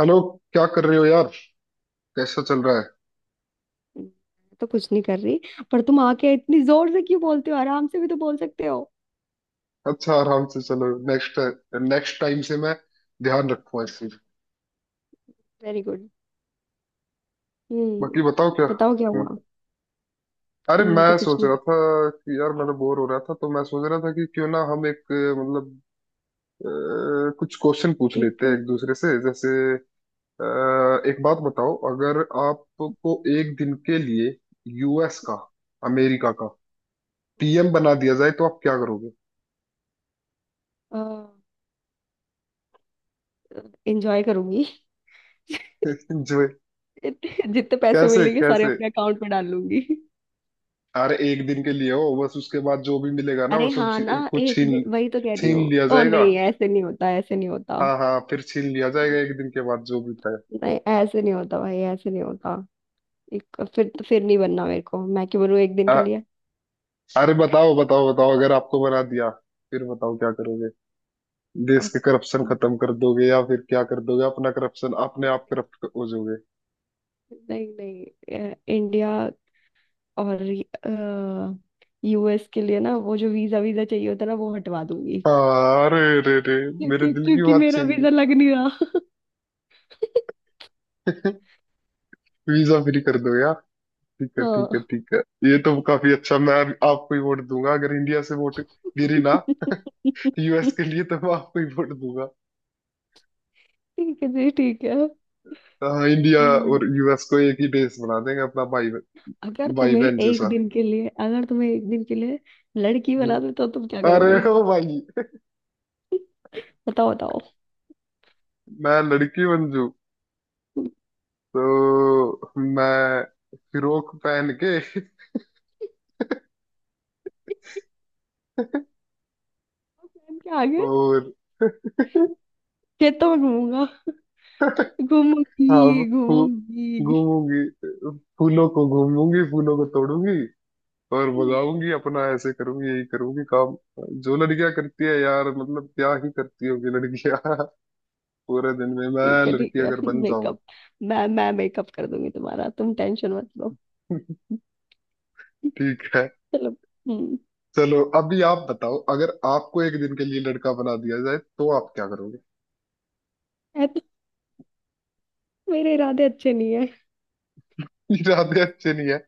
Hello. क्या कर रहे हो यार? कैसा चल रहा है? मैं तो कुछ नहीं कर रही। पर तुम आके इतनी जोर से क्यों बोलते हो? आराम से भी तो बोल सकते हो। अच्छा, आराम से। चलो नेक्स्ट, नेक्स्ट टाइम से मैं ध्यान रखूंगा इस चीज। Very good. हम्म। बाकी बताओ क्या। बताओ क्या हम्म, हुआ? अरे अब मैं मैं तो कुछ सोच नहीं। रहा था कि यार मैं तो बोर हो रहा था, तो मैं सोच रहा था कि क्यों ना हम एक मतलब कुछ क्वेश्चन पूछ एक। लेते हैं एक दूसरे से। जैसे अ, एक बात बताओ, अगर आपको एक दिन के लिए यूएस का, अमेरिका का पीएम बना दिया जाए तो आप क्या करोगे? एंजॉय करूंगी। जो जितने जितने पैसे कैसे मिलेंगे सारे कैसे, अपने अकाउंट में डाल लूंगी। अरे एक दिन के लिए हो बस, उसके बाद जो भी मिलेगा ना वो अरे सब हाँ ना, कुछ एक छीन, दिन वही तो कह रही छीन हूँ। लिया ओ जाएगा। नहीं, ऐसे नहीं होता, ऐसे नहीं होता। हाँ हाँ, फिर छीन लिया जाएगा एक दिन के बाद जो भी था। नहीं, ऐसे नहीं होता भाई, ऐसे नहीं होता। एक फिर नहीं बनना मेरे को, मैं क्यों बनूं एक दिन के अ- लिए? अरे बताओ बताओ बताओ, अगर आपको बना दिया फिर बताओ क्या करोगे? देश और- के करप्शन खत्म कर दोगे, या फिर क्या कर दोगे? अपना करप्शन, अपने नहीं, आप करप्ट हो जाओगे? नहीं, नहीं, नहीं, इंडिया और यूएस के लिए ना, वो जो वीजा वीजा चाहिए होता है ना, वो हटवा दूंगी। हाँ, अरे रे रे, मेरे क्योंकि दिल की क्योंकि बात मेरा छीन ली। वीजा लग नहीं रहा। वीजा फ्री कर दो यार। ठीक है ठीक है हाँ। ठीक है। ये तो काफी अच्छा। मैं आपको ही वोट दूंगा अगर इंडिया से वोट गिरी ना, यूएस ठीक के लिए तो मैं आपको ही वोट दूंगा। है जी, ठीक है। हाँ, इंडिया हम्म। और यूएस को एक ही देश बना देंगे अपना, भाई अगर भाई तुम्हें बहन एक जैसा। दिन के लिए अगर तुम्हें एक दिन के लिए लड़की हम्म। बना दे तो तुम क्या अरे करोगे? ओ भाई, बताओ, बताओ। मैं लड़की बन जू प्लान तो मैं फिरोक पहन के, क्या आगे? और खेतों में घूमूंगा घूमूंगी हाँ घूमूंगी घूमूंगी, फूलों को घूमूंगी, फूलों को तोड़ूंगी, और बजाऊंगी अपना, ऐसे करूंगी, यही करूंगी काम जो लड़कियां करती है यार। मतलब क्या ही करती होगी लड़कियां। पूरे दिन में मैं ठीक है, ठीक लड़की है। अगर बन जाऊं। मेकअप, मैं मेकअप कर दूंगी तुम्हारा। तुम टेंशन मत लो। ठीक है। चलो। हम्म। चलो अभी आप बताओ, अगर आपको एक दिन के लिए लड़का बना दिया जाए तो आप क्या करोगे? ऐ तो मेरे इरादे अच्छे नहीं है। इरादे अच्छे नहीं है,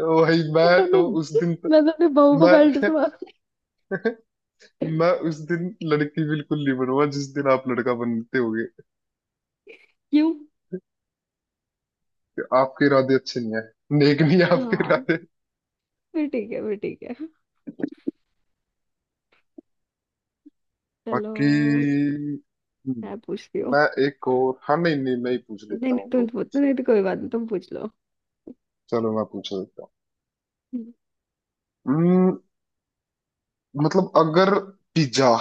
वही। मैं मैं तो अपने तो उस दिन, मैं तो अपने बहू को मैं बेल्ट से मार। मैं उस दिन लड़की बिल्कुल नहीं बनूंगा जिस दिन आप लड़का बनते होगे। क्यों? आपके इरादे अच्छे नहीं है, नेक नहीं है आपके हाँ, इरादे। फिर ठीक है, फिर ठीक है। बाकी, चलो, हम्म, मैं पूछती हूँ। मैं एक और, हाँ नहीं नहीं, मैं ही पूछ नहीं, लेता हूँ नहीं, तुम तो। पूछ। नहीं तो कोई बात नहीं, तुम पूछ लो। चलो मैं पूछ लेता हूँ। हम्म, मतलब अगर पिज्जा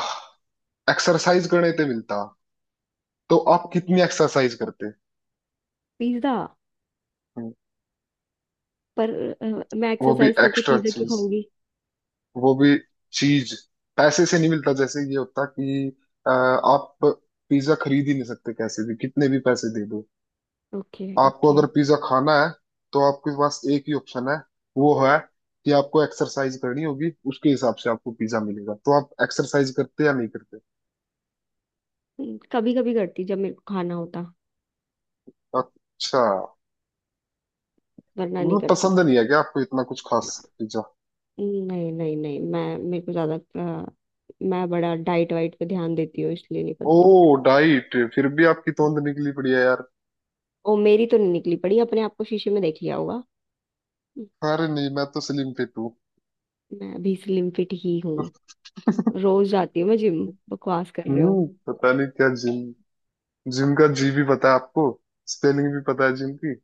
एक्सरसाइज करने पे मिलता तो आप कितनी एक्सरसाइज करते? पिज्जा? हम्म, पर मैं वो भी एक्सरसाइज करके एक्स्ट्रा पिज्जा क्यों चीज, खाऊंगी? वो भी चीज, पैसे से नहीं मिलता। जैसे ये होता कि आप पिज्जा खरीद ही नहीं सकते कैसे भी, कितने भी पैसे दे दो। ओके, आपको ओके। अगर पिज्जा खाना है तो आपके पास एक ही ऑप्शन है, वो है कि आपको एक्सरसाइज करनी होगी, उसके हिसाब से आपको पिज्जा मिलेगा। तो आप एक्सरसाइज करते या नहीं करते? कभी कभी करती, जब मेरे को खाना होता। अच्छा, वरना नहीं मतलब करती। पसंद नहीं है क्या आपको इतना कुछ खास पिज्जा? नहीं, नहीं, नहीं, मैं मेरे को ज्यादा अ, मैं बड़ा डाइट वाइट पे ध्यान देती हूँ, इसलिए नहीं पसंद। ओ डाइट, फिर भी आपकी तोंद निकली पड़ी है यार। ओ, मेरी तो नहीं निकली पड़ी, अपने आप को शीशे में देख लिया होगा। अरे नहीं, मैं तो स्लिम फिट हूँ। मैं अभी स्लिम फिट ही हूँ। रोज जाती हूँ मैं जिम, बकवास कर रहे हो। हम्म, पता नहीं क्या जिम। जिम का जी भी पता है आपको? स्पेलिंग भी पता है जिम की?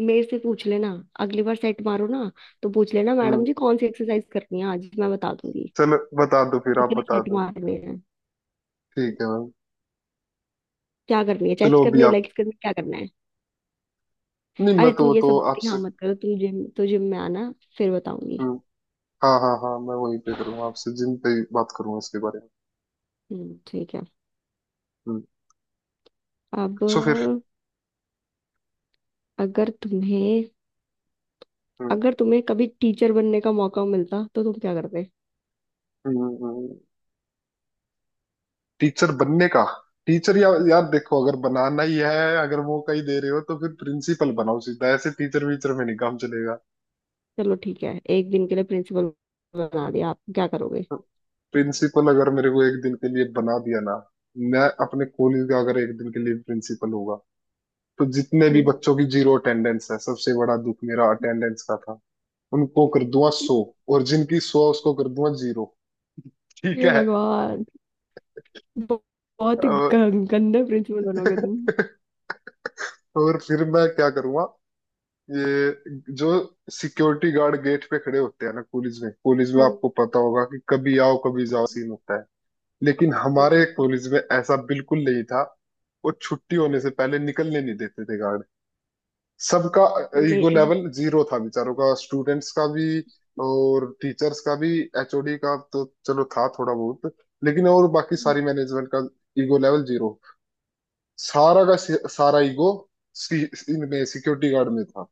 मेरे से पूछ लेना। अगली बार सेट मारो ना, तो पूछ लेना हम्म, मैडम जी, कौन सी एक्सरसाइज करनी है आज, मैं बता दूंगी। चलो बता दो फिर, आप कितने बता सेट दो। मारने हैं? ठीक है मैम। क्या करनी है? चेस्ट चलो अभी करनी है? आप, लेग्स करनी है? क्या करना है? नहीं मैं अरे तुम तो ये सब तो बातें आपसे, यहाँ मत करो, तुम जिम तो जिम में आना, फिर बताऊंगी। हम्म, हाँ हाँ हाँ, मैं वहीं पे करूंगा, आपसे जिम पे ही बात करूंगा इसके बारे में। ठीक है। हम्म। अब, सो फिर, अगर तुम्हें, हम्म अगर तुम्हें कभी टीचर बनने का मौका मिलता तो तुम क्या करते? हम्म। टीचर बनने का, टीचर या यार देखो, अगर बनाना ही है, अगर मौका ही दे रहे हो तो फिर प्रिंसिपल बनाओ सीधा, ऐसे टीचर वीचर में नहीं काम चलेगा। चलो ठीक है, एक दिन के लिए प्रिंसिपल बना दिया, आप क्या करोगे? प्रिंसिपल अगर मेरे को एक दिन के लिए बना दिया ना, मैं अपने कॉलेज का अगर एक दिन के लिए प्रिंसिपल होगा, तो जितने भी हम्म। बच्चों की जीरो अटेंडेंस है, सबसे बड़ा दुख मेरा अटेंडेंस का था, उनको कर दूंगा सौ, और जिनकी सौ उसको कर दूंगा जीरो। ठीक ये है? भगवान! ब- बहुत ही और गंदे प्रिंसिपल बनोगे तुम। और फिर मैं क्या करूंगा, ये जो सिक्योरिटी गार्ड गेट पे खड़े होते हैं ना कॉलेज में, कॉलेज में हम्म, आपको पता होगा कि कभी आओ कभी जाओ हम्म। सीन होता है, लेकिन सही हमारे बात है। कॉलेज में ऐसा बिल्कुल नहीं था। वो छुट्टी होने से पहले निकलने नहीं देते थे गार्ड। सबका ईगो मे- लेवल जीरो था बेचारों का, स्टूडेंट्स का भी और टीचर्स का भी। एचओडी का तो चलो था थोड़ा बहुत, लेकिन और बाकी सारी मैनेजमेंट का ईगो लेवल जीरो। सारा का सारा ईगो इनमें सिक्योरिटी गार्ड में था।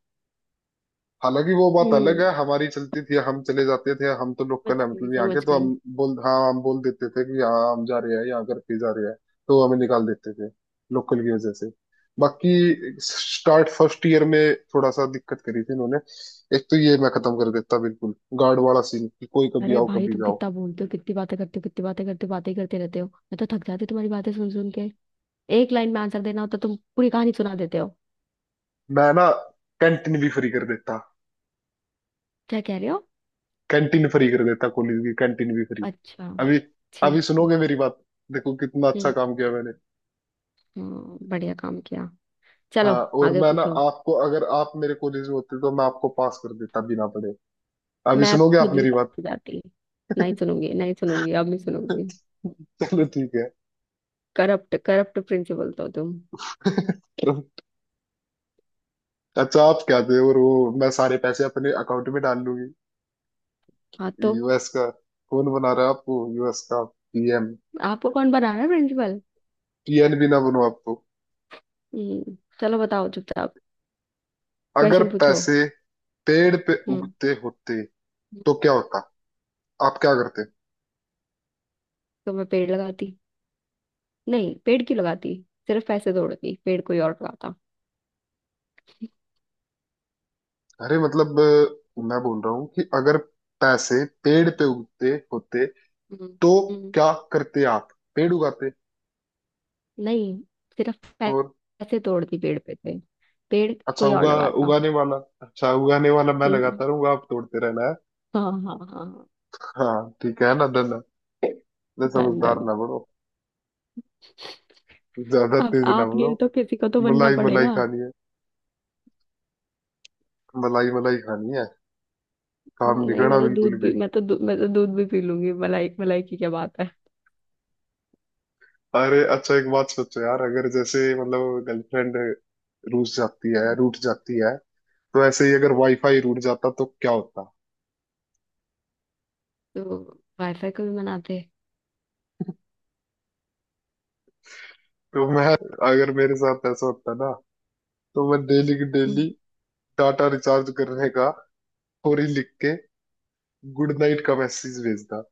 हालांकि वो बात अलग हम्म, है, हमारी चलती थी, हम चले जाते थे। हम तो समझ लोकल है, गई, मतलब यहाँ समझ के, तो गई। हम बोल, हाँ हम बोल देते थे कि यहाँ हम जा रहे हैं, यहाँ घर पे जा रहे हैं, तो हमें निकाल देते थे लोकल की वजह से। बाकी स्टार्ट फर्स्ट ईयर में थोड़ा सा दिक्कत करी थी इन्होंने। एक तो ये मैं खत्म कर देता बिल्कुल, गार्ड वाला सीन कि कोई कभी अरे आओ भाई, कभी तुम जाओ। कितना बोलते हो, कितनी बातें करते हो, कितनी बातें करते हो, बातें ही करते रहते हो। मैं तो थक जाती हूँ तुम्हारी बातें सुन सुन के। एक लाइन में आंसर देना होता, तुम पूरी कहानी सुना देते हो। मैं ना कैंटीन भी फ्री कर देता। क्या कह रहे हो? कैंटीन फ्री कर देता कॉलेज की, कैंटीन भी फ्री। अच्छा। अभी, अभी ठीक है। सुनोगे मेरी बात। देखो कितना अच्छा हम्म। काम किया मैंने। हाँ, बढ़िया काम किया। चलो। हाँ और आगे मैं ना पूछो। आपको, अगर आप मेरे कॉलेज में होते तो मैं आपको पास कर देता बिना पढ़े। अभी मैं सुनोगे आप खुद भी मेरी पास बात। हो जाती। नहीं सुनूंगी, नहीं सुनूंगी, अब नहीं सुनूंगी। चलो ठीक है। करप्ट, करप्ट प्रिंसिपल तो तुम। अच्छा आप क्या थे, और वो मैं सारे पैसे अपने अकाउंट में डाल लूंगी, हाँ, तो यूएस का। कौन बना रहा है आपको यूएस का पीएम? आपको कौन बना रहा है प्रिंसिपल? पीएन भी ना बनो आप तो। हम्म, चलो बताओ चुपचाप, अगर क्वेश्चन पूछो। पैसे पेड़ पे हम्म। उगते होते तो क्या होता? आप क्या करते? तो मैं पेड़ लगाती। नहीं, पेड़ क्यों लगाती? सिर्फ पैसे तोड़ती, पेड़ कोई और लगाता। अरे मतलब मैं बोल रहा हूँ कि अगर पैसे पेड़ पे उगते होते हम्म। तो हम्म। क्या करते आप? पेड़ उगाते? नहीं, सिर्फ और पैसे तोड़ती, पेड़ पे थे, पेड़ अच्छा कोई और उगा, लगाता। उगाने वाला, अच्छा उगाने वाला मैं हम्म। लगाता रहूंगा, आप तोड़ते रहना है। हाँ, हाँ, हाँ, हाँ। हाँ ठीक है ना, धन इतने डन, समझदार डन। ना बनो, ज्यादा अब तेज ना आप नहीं बनो। हो तो किसी को तो बनना मलाई मलाई पड़ेगा। खानी है, मलाई मलाई खानी है, काम नहीं नहीं, करना बिल्कुल भी। मैं तो दूध भी पी लूंगी, मलाई मलाई की क्या बात है। अरे अच्छा एक बात सोचो यार, अगर जैसे मतलब गर्लफ्रेंड रूठ जाती है, रूठ जाती है, तो ऐसे ही अगर वाईफाई रूठ जाता तो क्या होता? तो वाईफाई को भी मनाते हैं। तो मैं, अगर मेरे साथ ऐसा होता ना, तो मैं डेली की डेली हम्म। टाटा रिचार्ज करने का और ही लिख के गुड नाइट का मैसेज भेजता।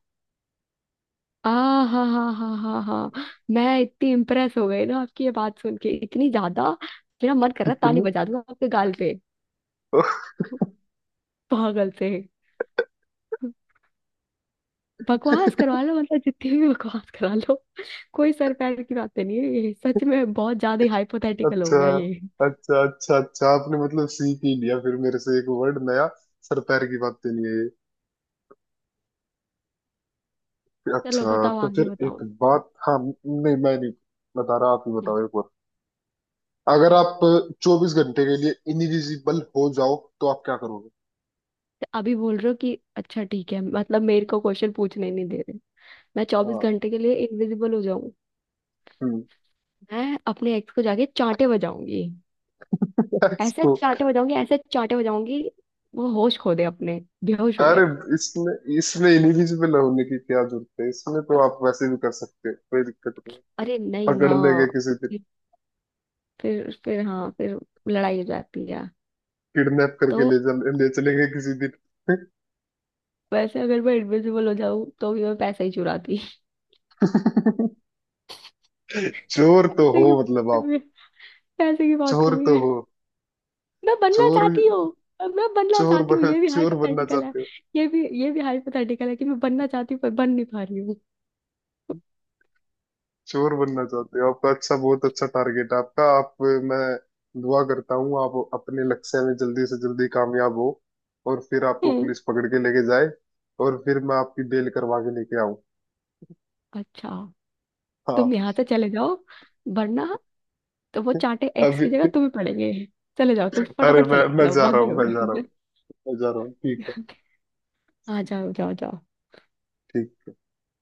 आ हाँ, हाँ, हाँ, हाँ, हाँ। मैं इतनी इम्प्रेस हो गई ना आपकी ये बात सुन के, इतनी ज्यादा मेरा मन कर रहा है ताली इतनी बजा दूं आपके गाल पे, पागल से। बकवास करवा लो, मतलब जितनी भी बकवास करा लो, कोई सर पैर की बातें नहीं है ये, सच में बहुत ज्यादा हाइपोथेटिकल हो अच्छा गया ये। अच्छा अच्छा, अच्छा आपने मतलब सीख ही लिया फिर मेरे से एक वर्ड नया, सर पैर की बातें नहीं है ये। चलो अच्छा बताओ, तो आगे फिर बताओ। एक बात, हाँ नहीं मैं नहीं बता रहा, आप ही हम्म। बताओ एक बार, अगर हम्म। आप 24 घंटे के लिए इनविजिबल हो जाओ तो आप क्या करोगे? तो अभी बोल रहे हो कि अच्छा ठीक है, मतलब मेरे को क्वेश्चन पूछने नहीं दे रहे। मैं 24 हाँ। घंटे के लिए इनविजिबल हो जाऊं। हम्म। मैं अपने एक्स को जाके चांटे बजाऊंगी। ऐसे इसको, चांटे बजाऊंगी, ऐसे चांटे बजाऊंगी, वो होश खो दे अपने, बेहोश हो अरे जाए। इसमें, इसमें इनविजिबल होने की क्या जरूरत है? इसमें तो आप वैसे भी कर सकते हो, कोई दिक्कत? अरे नहीं ना। पकड़ लेंगे किसी दिन, फिर फिर फिर, हाँ, फिर लड़ाई हो जाती है। किडनैप तो करके ले चल, ले चलेंगे किसी दिन। वैसे अगर मैं इनविजिबल हो जाऊं तो भी मैं पैसा ही चुराती। चोर तो पैसे हो की बात मतलब आप, कमी है, पैसे की बहुत चोर कमी तो है। हो। मैं बनना चोर चाहती हूँ। मैं बनना चोर चाहती हूँ, बन, ये भी चोर बनना हाइपोथेटिकल है। चाहते हो? ये भी हाइपोथेटिकल है कि मैं बनना चाहती हूँ, पर बन नहीं पा रही हूँ। चोर बनना चाहते हो, आपका अच्छा, बहुत अच्छा टारगेट है आपका। आप, मैं दुआ करता हूँ आप अपने लक्ष्य में जल्दी से जल्दी कामयाब हो, और फिर आपको हम्म। पुलिस पकड़ के लेके जाए, और फिर मैं आपकी बेल करवा के लेके आऊं। अच्छा, तुम हाँ। यहाँ से चले जाओ, वरना तो वो चांटे एक्स की अभी जगह तुम्हें पड़ेंगे। चले जाओ तुम, अरे फटाफट चले मैं जाओ, जा बाद रहा में हूँ, मैं जा रहा लौटेंगे। हूँ, मैं जा रहा हूँ ठीक है। हाँ, जाओ, जाओ, जाओ। ठीक।